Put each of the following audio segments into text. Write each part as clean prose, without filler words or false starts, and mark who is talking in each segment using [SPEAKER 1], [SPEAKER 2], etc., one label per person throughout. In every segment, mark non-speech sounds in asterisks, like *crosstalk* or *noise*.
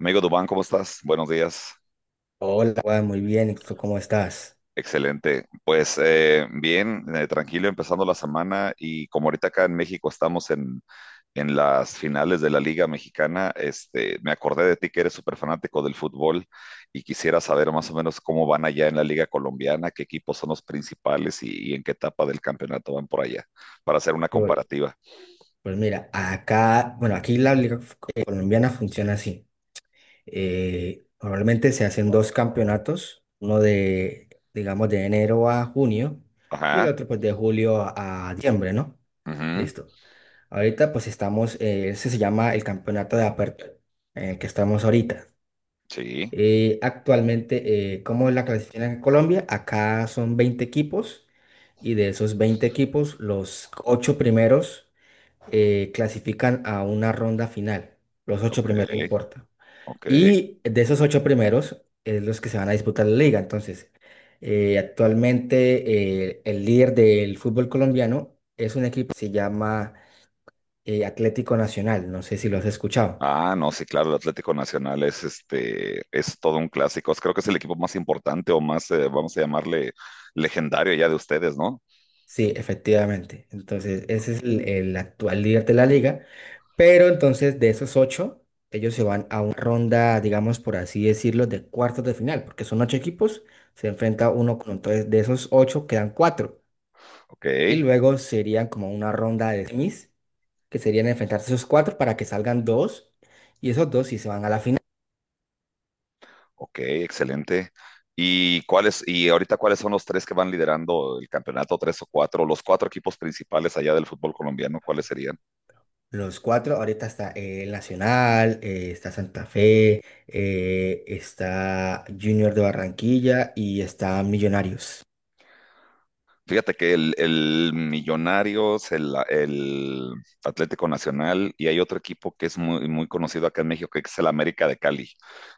[SPEAKER 1] Amigo Dubán, ¿cómo estás? Buenos días.
[SPEAKER 2] Hola, Juan, muy bien. ¿Y tú cómo estás?
[SPEAKER 1] Excelente. Pues bien, tranquilo, empezando la semana y como ahorita acá en México estamos en las finales de la Liga Mexicana, este, me acordé de ti que eres súper fanático del fútbol y quisiera saber más o menos cómo van allá en la Liga Colombiana, qué equipos son los principales y en qué etapa del campeonato van por allá, para hacer una
[SPEAKER 2] Pues,
[SPEAKER 1] comparativa.
[SPEAKER 2] pues mira, acá, bueno, aquí la liga colombiana funciona así. Normalmente se hacen dos campeonatos, uno de, digamos, de enero a junio, y el
[SPEAKER 1] Ajá,
[SPEAKER 2] otro pues de julio a diciembre, ¿no?
[SPEAKER 1] ujú,
[SPEAKER 2] Listo. Ahorita pues estamos, ese se llama el campeonato de apertura en el que estamos ahorita.
[SPEAKER 1] sí,
[SPEAKER 2] Actualmente, ¿cómo es la clasificación en Colombia? Acá son 20 equipos, y de esos 20 equipos, los 8 primeros clasifican a una ronda final. Los ocho
[SPEAKER 1] ok,
[SPEAKER 2] primeros, no importa.
[SPEAKER 1] ok.
[SPEAKER 2] Y de esos 8 primeros es los que se van a disputar la liga. Entonces, actualmente el líder del fútbol colombiano es un equipo que se llama Atlético Nacional. No sé si lo has escuchado.
[SPEAKER 1] Ah, no, sí, claro, el Atlético Nacional es este, es todo un clásico. Creo que es el equipo más importante o más, vamos a llamarle, legendario ya de ustedes, ¿no?
[SPEAKER 2] Sí, efectivamente. Entonces, ese es el actual líder de la liga. Pero entonces, de esos ocho, ellos se van a una ronda, digamos, por así decirlo, de cuartos de final, porque son ocho equipos, se enfrenta uno con entonces de esos ocho quedan cuatro.
[SPEAKER 1] Ok,
[SPEAKER 2] Y luego serían como una ronda de semis, que serían enfrentarse esos cuatro para que salgan dos, y esos dos sí se van a la final.
[SPEAKER 1] ok, excelente. ¿Y ahorita cuáles son los tres que van liderando el campeonato, tres o cuatro, los cuatro equipos principales allá del fútbol colombiano, cuáles serían?
[SPEAKER 2] Los cuatro, ahorita está el Nacional, está Santa Fe, está Junior de Barranquilla y está Millonarios.
[SPEAKER 1] Fíjate que el Millonarios, el Atlético Nacional, y hay otro equipo que es muy, muy conocido acá en México, que es el América de Cali.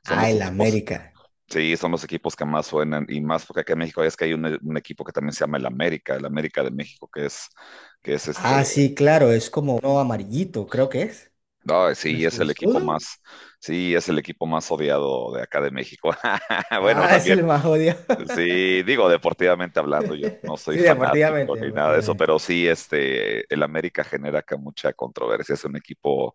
[SPEAKER 1] Son
[SPEAKER 2] Ah,
[SPEAKER 1] los
[SPEAKER 2] el
[SPEAKER 1] equipos.
[SPEAKER 2] América.
[SPEAKER 1] Sí, son los equipos que más suenan y más porque acá en México es que hay un equipo que también se llama el América de México, que es este,
[SPEAKER 2] Ah, sí, claro, es como uno amarillito, creo que es.
[SPEAKER 1] no,
[SPEAKER 2] ¿No
[SPEAKER 1] sí,
[SPEAKER 2] es
[SPEAKER 1] es
[SPEAKER 2] el
[SPEAKER 1] el equipo
[SPEAKER 2] escudo?
[SPEAKER 1] más, sí, es el equipo más odiado de acá de México. *laughs* Bueno,
[SPEAKER 2] Ah, es
[SPEAKER 1] también,
[SPEAKER 2] el más jodido.
[SPEAKER 1] sí, digo, deportivamente hablando, yo no
[SPEAKER 2] *laughs*
[SPEAKER 1] soy
[SPEAKER 2] Sí,
[SPEAKER 1] fanático
[SPEAKER 2] deportivamente,
[SPEAKER 1] ni nada de eso,
[SPEAKER 2] deportivamente.
[SPEAKER 1] pero sí, este, el América genera acá mucha controversia, es un equipo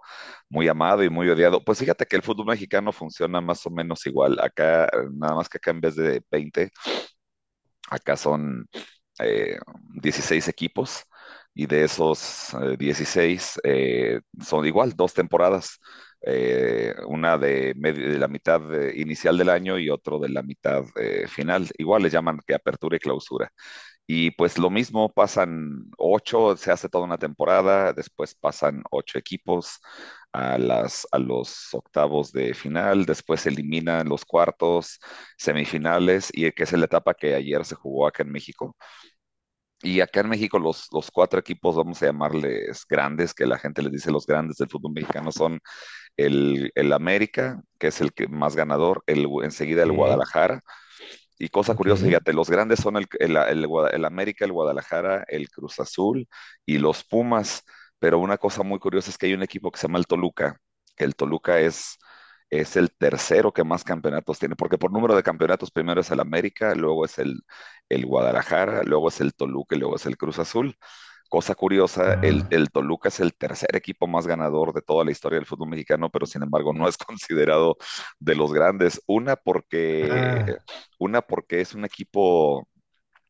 [SPEAKER 1] muy amado y muy odiado. Pues fíjate que el fútbol mexicano funciona más o menos igual, acá, nada más que acá en vez de 20. Acá son eh, 16 equipos y de esos 16 son igual, dos temporadas, una de la mitad inicial del año y otro de la mitad final. Igual le llaman que apertura y clausura. Y pues lo mismo, pasan ocho, se hace toda una temporada, después pasan ocho equipos a las, a los octavos de final, después se eliminan los cuartos, semifinales, y que es la etapa que ayer se jugó acá en México. Y acá en México los cuatro equipos, vamos a llamarles grandes, que la gente les dice los grandes del fútbol mexicano, son el América, que es el que más ganador, enseguida el
[SPEAKER 2] Sí,
[SPEAKER 1] Guadalajara, y cosa
[SPEAKER 2] ok.
[SPEAKER 1] curiosa, fíjate, los grandes son el América, el Guadalajara, el Cruz Azul y los Pumas. Pero una cosa muy curiosa es que hay un equipo que se llama el Toluca, que el Toluca es el tercero que más campeonatos tiene, porque por número de campeonatos primero es el América, luego es el Guadalajara, luego es el Toluca y luego es el Cruz Azul. Cosa curiosa,
[SPEAKER 2] Ajá.
[SPEAKER 1] el Toluca es el tercer equipo más ganador de toda la historia del fútbol mexicano, pero sin embargo no es *laughs* considerado de los grandes. Una, porque
[SPEAKER 2] Ah,
[SPEAKER 1] una porque es un equipo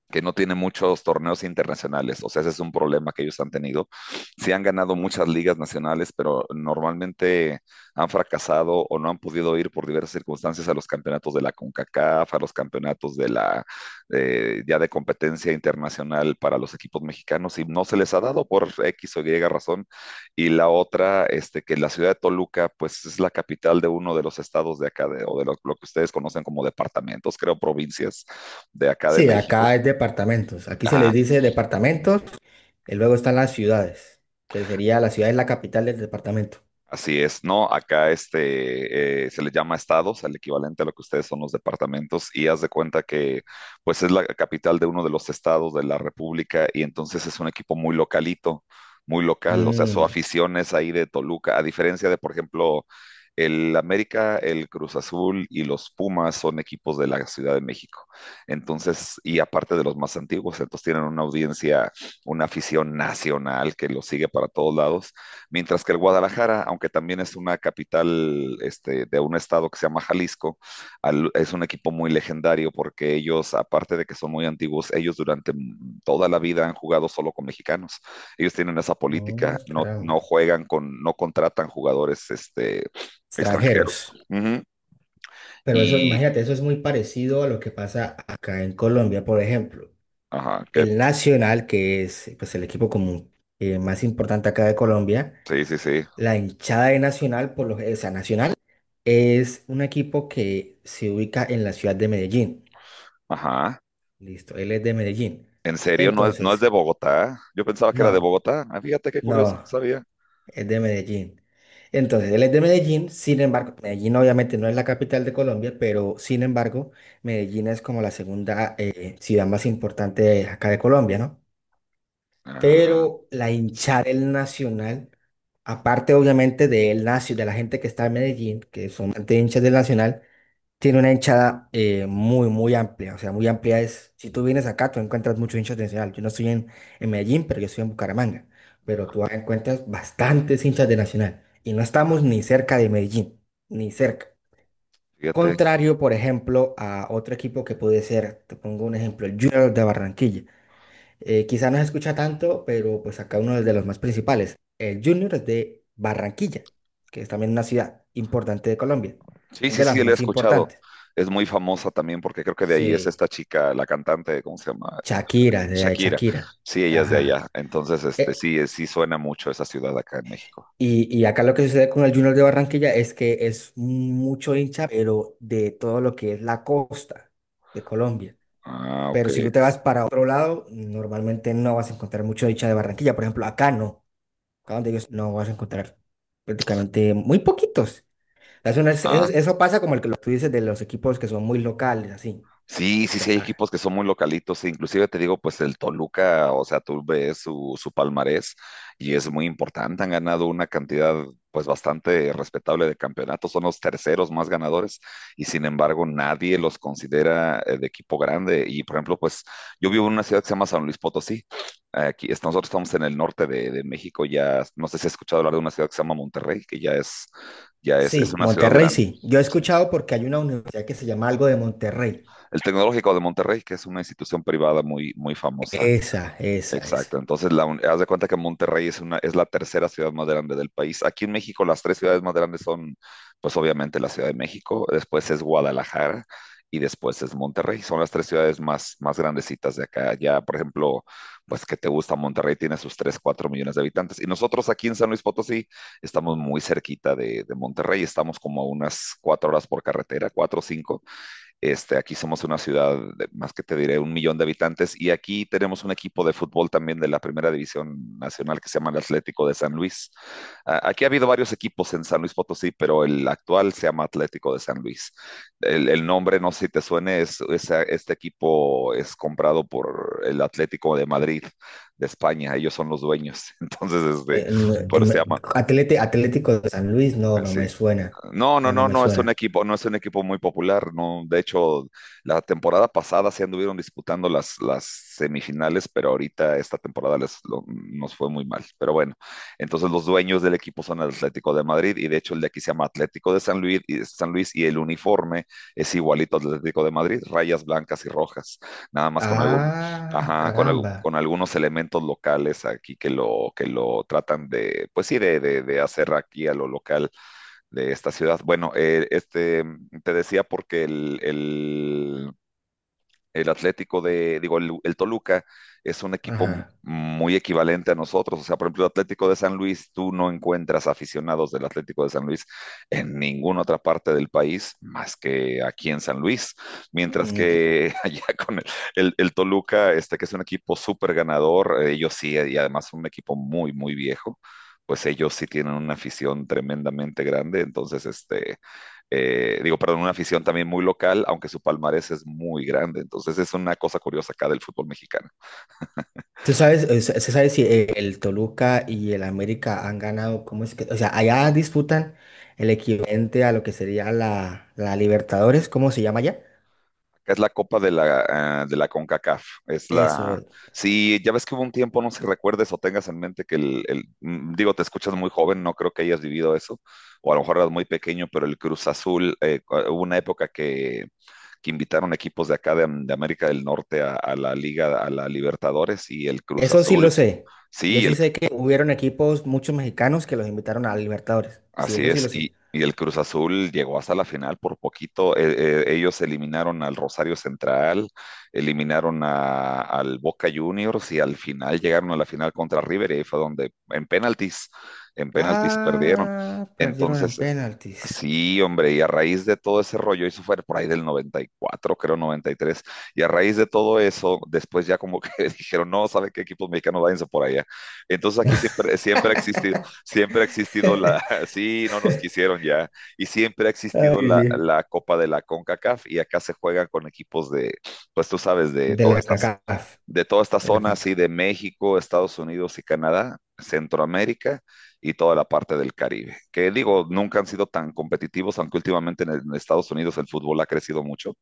[SPEAKER 1] que no tiene muchos torneos internacionales, o sea, ese es un problema que ellos han tenido. Sí han ganado muchas ligas nacionales, pero normalmente han fracasado o no han podido ir por diversas circunstancias a los campeonatos de la CONCACAF, a los campeonatos de la ya de competencia internacional para los equipos mexicanos y no se les ha dado por X o Y razón. Y la otra, este, que la ciudad de Toluca, pues es la capital de uno de los estados de acá, o lo que ustedes conocen como departamentos, creo, provincias de acá de
[SPEAKER 2] sí,
[SPEAKER 1] México.
[SPEAKER 2] acá es departamentos. Aquí se
[SPEAKER 1] Ajá,
[SPEAKER 2] les dice departamentos, y luego están las ciudades, que sería la ciudad es la capital del departamento.
[SPEAKER 1] así es, ¿no? Acá este, se le llama estados, al equivalente a lo que ustedes son los departamentos, y haz de cuenta que pues es la capital de uno de los estados de la República y entonces es un equipo muy localito, muy local, o sea, su
[SPEAKER 2] Mm,
[SPEAKER 1] afición es ahí de Toluca, a diferencia de, por ejemplo, el América, el Cruz Azul y los Pumas son equipos de la Ciudad de México. Entonces, y aparte de los más antiguos, entonces tienen una audiencia, una afición nacional que los sigue para todos lados. Mientras que el Guadalajara, aunque también es una capital este, de un estado que se llama Jalisco, es un equipo muy legendario porque ellos, aparte de que son muy antiguos, ellos durante toda la vida han jugado solo con mexicanos. Ellos tienen esa
[SPEAKER 2] oh,
[SPEAKER 1] política, no
[SPEAKER 2] caramba.
[SPEAKER 1] juegan con, no contratan jugadores este, extranjeros.
[SPEAKER 2] Extranjeros.
[SPEAKER 1] Ujú.
[SPEAKER 2] Pero eso,
[SPEAKER 1] Y,
[SPEAKER 2] imagínate, eso es muy parecido a lo que pasa acá en Colombia, por ejemplo.
[SPEAKER 1] ajá, que,
[SPEAKER 2] El Nacional, que es pues, el equipo común más importante acá de Colombia,
[SPEAKER 1] sí, sí, sí,
[SPEAKER 2] la hinchada de Nacional, por lo, o sea, Nacional, es un equipo que se ubica en la ciudad de Medellín.
[SPEAKER 1] ajá.
[SPEAKER 2] Listo, él es de Medellín.
[SPEAKER 1] ¿En serio? ¿No es
[SPEAKER 2] Entonces,
[SPEAKER 1] de Bogotá? Yo pensaba que era de
[SPEAKER 2] no,
[SPEAKER 1] Bogotá. Ah, fíjate qué curioso, no
[SPEAKER 2] no.
[SPEAKER 1] sabía.
[SPEAKER 2] Es de Medellín. Entonces, él es de Medellín, sin embargo, Medellín obviamente no es la capital de Colombia, pero sin embargo, Medellín es como la segunda ciudad más importante de acá de Colombia, ¿no?
[SPEAKER 1] Ah,
[SPEAKER 2] Pero la hinchada del Nacional, aparte obviamente del nacio, de la gente que está en Medellín, que son bastante hinchas del Nacional, tiene una hinchada muy, muy amplia. O sea, muy amplia es, si tú vienes acá, tú encuentras muchos hinchas de Nacional. Yo no estoy en Medellín, pero yo estoy en Bucaramanga. Pero tú encuentras bastantes hinchas de Nacional. Y no estamos ni cerca de Medellín, ni cerca.
[SPEAKER 1] fíjate.
[SPEAKER 2] Contrario, por ejemplo, a otro equipo que puede ser, te pongo un ejemplo, el Junior de Barranquilla. Quizá no se escucha tanto, pero pues acá uno de los más principales. El Junior es de Barranquilla, que es también una ciudad importante de Colombia,
[SPEAKER 1] Sí,
[SPEAKER 2] es
[SPEAKER 1] sí,
[SPEAKER 2] de las
[SPEAKER 1] sí, la he
[SPEAKER 2] más
[SPEAKER 1] escuchado.
[SPEAKER 2] importantes.
[SPEAKER 1] Es muy famosa también porque creo que de ahí es
[SPEAKER 2] Sí.
[SPEAKER 1] esta chica, la cantante, ¿cómo se llama?
[SPEAKER 2] Shakira, de
[SPEAKER 1] Shakira.
[SPEAKER 2] Shakira.
[SPEAKER 1] Sí, ella es de allá.
[SPEAKER 2] Ajá.
[SPEAKER 1] Entonces, este,
[SPEAKER 2] Eh,
[SPEAKER 1] sí, sí suena mucho esa ciudad acá en México.
[SPEAKER 2] y acá lo que sucede con el Junior de Barranquilla es que es mucho hincha, pero de todo lo que es la costa de Colombia.
[SPEAKER 1] Ah, ok.
[SPEAKER 2] Pero si tú te vas para otro lado, normalmente no vas a encontrar mucho hincha de Barranquilla. Por ejemplo, acá no. Acá donde ellos no vas a encontrar prácticamente muy poquitos. Es una- es-
[SPEAKER 1] Ah,
[SPEAKER 2] eso pasa como el que lo- tú dices de los equipos que son muy locales, así.
[SPEAKER 1] sí,
[SPEAKER 2] O
[SPEAKER 1] sí, sí,
[SPEAKER 2] sea,
[SPEAKER 1] hay
[SPEAKER 2] ah,
[SPEAKER 1] equipos que son muy localitos, e inclusive te digo, pues el Toluca, o sea, tú ves su palmarés y es muy importante, han ganado una cantidad pues bastante respetable de campeonatos, son los terceros más ganadores y sin embargo nadie los considera de equipo grande y por ejemplo, pues yo vivo en una ciudad que se llama San Luis Potosí, aquí nosotros estamos en el norte de México, ya no sé si has escuchado hablar de una ciudad que se llama Monterrey, que es
[SPEAKER 2] sí,
[SPEAKER 1] una ciudad
[SPEAKER 2] Monterrey
[SPEAKER 1] grande.
[SPEAKER 2] sí. Yo he
[SPEAKER 1] Sí.
[SPEAKER 2] escuchado porque hay una universidad que se llama algo de Monterrey.
[SPEAKER 1] El Tecnológico de Monterrey, que es una institución privada muy, muy famosa.
[SPEAKER 2] Esa, esa, esa.
[SPEAKER 1] Exacto. Entonces, haz de cuenta que Monterrey es es la tercera ciudad más grande del país. Aquí en México, las tres ciudades más grandes son, pues obviamente, la Ciudad de México, después es Guadalajara y después es Monterrey. Son las tres ciudades más, más grandecitas de acá. Ya, por ejemplo, pues que te gusta, Monterrey tiene sus 3 4 millones de habitantes. Y nosotros aquí en San Luis Potosí estamos muy cerquita de Monterrey. Estamos como a unas 4 horas por carretera, 4 o 5. Este, aquí somos una ciudad de más que te diré un millón de habitantes y aquí tenemos un equipo de fútbol también de la primera división nacional que se llama el Atlético de San Luis. Aquí ha habido varios equipos en San Luis Potosí, pero el actual se llama Atlético de San Luis. El nombre, no sé si te suene, este equipo es comprado por el Atlético de Madrid de España. Ellos son los dueños, *laughs* entonces este,
[SPEAKER 2] Eh, no,
[SPEAKER 1] por
[SPEAKER 2] em,
[SPEAKER 1] eso se llama.
[SPEAKER 2] Atlete- Atlético de San Luis, no, no
[SPEAKER 1] Sí,
[SPEAKER 2] me suena.
[SPEAKER 1] no, no,
[SPEAKER 2] No, no
[SPEAKER 1] no,
[SPEAKER 2] me
[SPEAKER 1] no es un
[SPEAKER 2] suena.
[SPEAKER 1] equipo, no es un equipo muy popular, no. De hecho, la temporada pasada se anduvieron disputando las semifinales, pero ahorita esta temporada nos fue muy mal. Pero bueno, entonces los dueños del equipo son el Atlético de Madrid y de hecho el de aquí se llama Atlético de San Luis y el uniforme es igualito al del Atlético de Madrid, rayas blancas y rojas, nada más con algún,
[SPEAKER 2] Ah,
[SPEAKER 1] ajá, con,
[SPEAKER 2] caramba.
[SPEAKER 1] con algunos elementos locales aquí que lo tratan de, pues sí, de hacer aquí a lo local de esta ciudad. Bueno, este, te decía porque el Atlético de, digo, el Toluca es un equipo
[SPEAKER 2] Ajá.
[SPEAKER 1] muy equivalente a nosotros. O sea, por ejemplo, el Atlético de San Luis, tú no encuentras aficionados del Atlético de San Luis en ninguna otra parte del país más que aquí en San Luis. Mientras
[SPEAKER 2] Mm.
[SPEAKER 1] que *laughs* allá con el Toluca, este que es un equipo súper ganador, ellos sí, y además un equipo muy, muy viejo pues ellos sí tienen una afición tremendamente grande, entonces este, digo, perdón, una afición también muy local, aunque su palmarés es muy grande. Entonces es una cosa curiosa acá del fútbol mexicano.
[SPEAKER 2] ¿Tú sabes, se sabe si el Toluca y el América han ganado? ¿Cómo es que? O sea, allá disputan el equivalente a lo que sería la Libertadores, ¿cómo se llama allá?
[SPEAKER 1] Acá es la Copa de la CONCACAF. Es
[SPEAKER 2] Eso,
[SPEAKER 1] la. Sí, ya ves que hubo un tiempo, no sé si recuerdes o tengas en mente que digo, te escuchas muy joven, no creo que hayas vivido eso, o a lo mejor eras muy pequeño, pero el Cruz Azul, hubo una época que, invitaron equipos de acá de América del Norte a la Liga, a la Libertadores y el Cruz
[SPEAKER 2] eso sí lo
[SPEAKER 1] Azul.
[SPEAKER 2] sé. Yo
[SPEAKER 1] Sí,
[SPEAKER 2] sí sé que hubieron equipos, muchos mexicanos que los invitaron a Libertadores. Sí,
[SPEAKER 1] así
[SPEAKER 2] eso sí
[SPEAKER 1] es,
[SPEAKER 2] lo
[SPEAKER 1] y,
[SPEAKER 2] sé.
[SPEAKER 1] y el Cruz Azul llegó hasta la final por poquito. ellos eliminaron al Rosario Central, eliminaron al Boca Juniors y al final llegaron a la final contra River y ahí fue donde en penaltis perdieron.
[SPEAKER 2] Ah, perdieron en
[SPEAKER 1] Entonces,
[SPEAKER 2] penaltis.
[SPEAKER 1] sí, hombre, y a raíz de todo ese rollo, eso fue por ahí del 94, creo 93, y tres, y a raíz de todo eso, después ya como que *laughs* dijeron, no, ¿sabe qué equipos mexicanos váyanse por allá? Entonces aquí siempre ha existido, siempre ha existido la,
[SPEAKER 2] *laughs*
[SPEAKER 1] *laughs* sí, no nos quisieron ya, y siempre ha existido
[SPEAKER 2] Ay,
[SPEAKER 1] la,
[SPEAKER 2] sí.
[SPEAKER 1] la Copa de la CONCACAF y acá se juegan con equipos de, pues tú sabes, de
[SPEAKER 2] De
[SPEAKER 1] todas
[SPEAKER 2] la
[SPEAKER 1] estas,
[SPEAKER 2] CACAF,
[SPEAKER 1] de toda esta
[SPEAKER 2] de la
[SPEAKER 1] zona así
[SPEAKER 2] CONCACAF.
[SPEAKER 1] de México, Estados Unidos y Canadá, Centroamérica y toda la parte del Caribe. Que digo, nunca han sido tan competitivos, aunque últimamente en Estados Unidos el fútbol ha crecido mucho.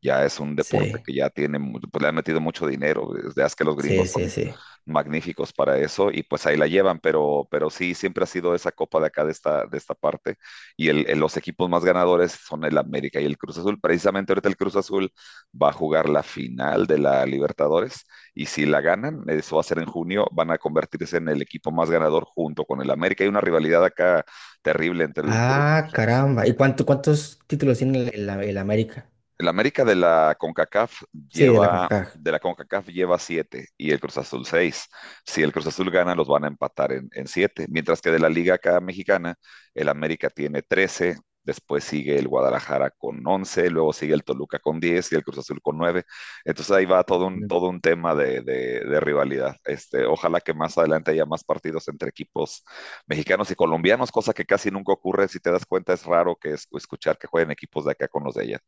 [SPEAKER 1] Ya es un deporte
[SPEAKER 2] Sí,
[SPEAKER 1] que ya tiene, pues le han metido mucho dinero. Desde hace que los
[SPEAKER 2] sí,
[SPEAKER 1] gringos
[SPEAKER 2] sí,
[SPEAKER 1] son
[SPEAKER 2] sí.
[SPEAKER 1] magníficos para eso y pues ahí la llevan, pero sí, siempre ha sido esa copa de acá, de esta parte. Y los equipos más ganadores son el América y el Cruz Azul. Precisamente ahorita el Cruz Azul va a jugar la final de la Libertadores y si la ganan, eso va a ser en junio, van a convertirse en el equipo más ganador junto con el América. Hay una rivalidad acá terrible entre el Cruz.
[SPEAKER 2] Ah, caramba. ¿Y cuánto, cuántos títulos tiene el América?
[SPEAKER 1] El América de la CONCACAF
[SPEAKER 2] Sí, de la
[SPEAKER 1] lleva,
[SPEAKER 2] CONCACAF.
[SPEAKER 1] de la CONCACAF lleva siete y el Cruz Azul seis. Si el Cruz Azul gana, los van a empatar en, siete. Mientras que de la Liga acá mexicana, el América tiene 13, después sigue el Guadalajara con 11, luego sigue el Toluca con 10 y el Cruz Azul con 9. Entonces ahí va todo un,
[SPEAKER 2] Mm.
[SPEAKER 1] todo un tema de rivalidad. Este, ojalá que más adelante haya más partidos entre equipos mexicanos y colombianos, cosa que casi nunca ocurre. Si te das cuenta, es raro que escuchar que jueguen equipos de acá con los de allá.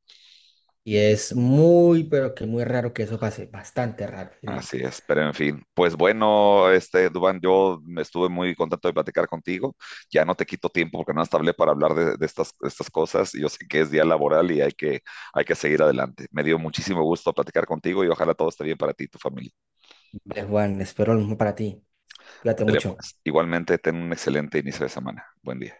[SPEAKER 2] Y es muy, pero que muy raro que eso pase. Bastante raro, diría.
[SPEAKER 1] Así es, pero en fin, pues bueno, este Dubán, yo me estuve muy contento de platicar contigo. Ya no te quito tiempo porque no hasta hablé para hablar de estas cosas. Yo sé que es día laboral y hay que seguir adelante. Me dio muchísimo gusto platicar contigo y ojalá todo esté bien para ti y tu familia.
[SPEAKER 2] Vale, Juan, espero lo mismo para ti. Cuídate
[SPEAKER 1] Ándale,
[SPEAKER 2] mucho.
[SPEAKER 1] pues. Igualmente, ten un excelente inicio de semana. Buen día.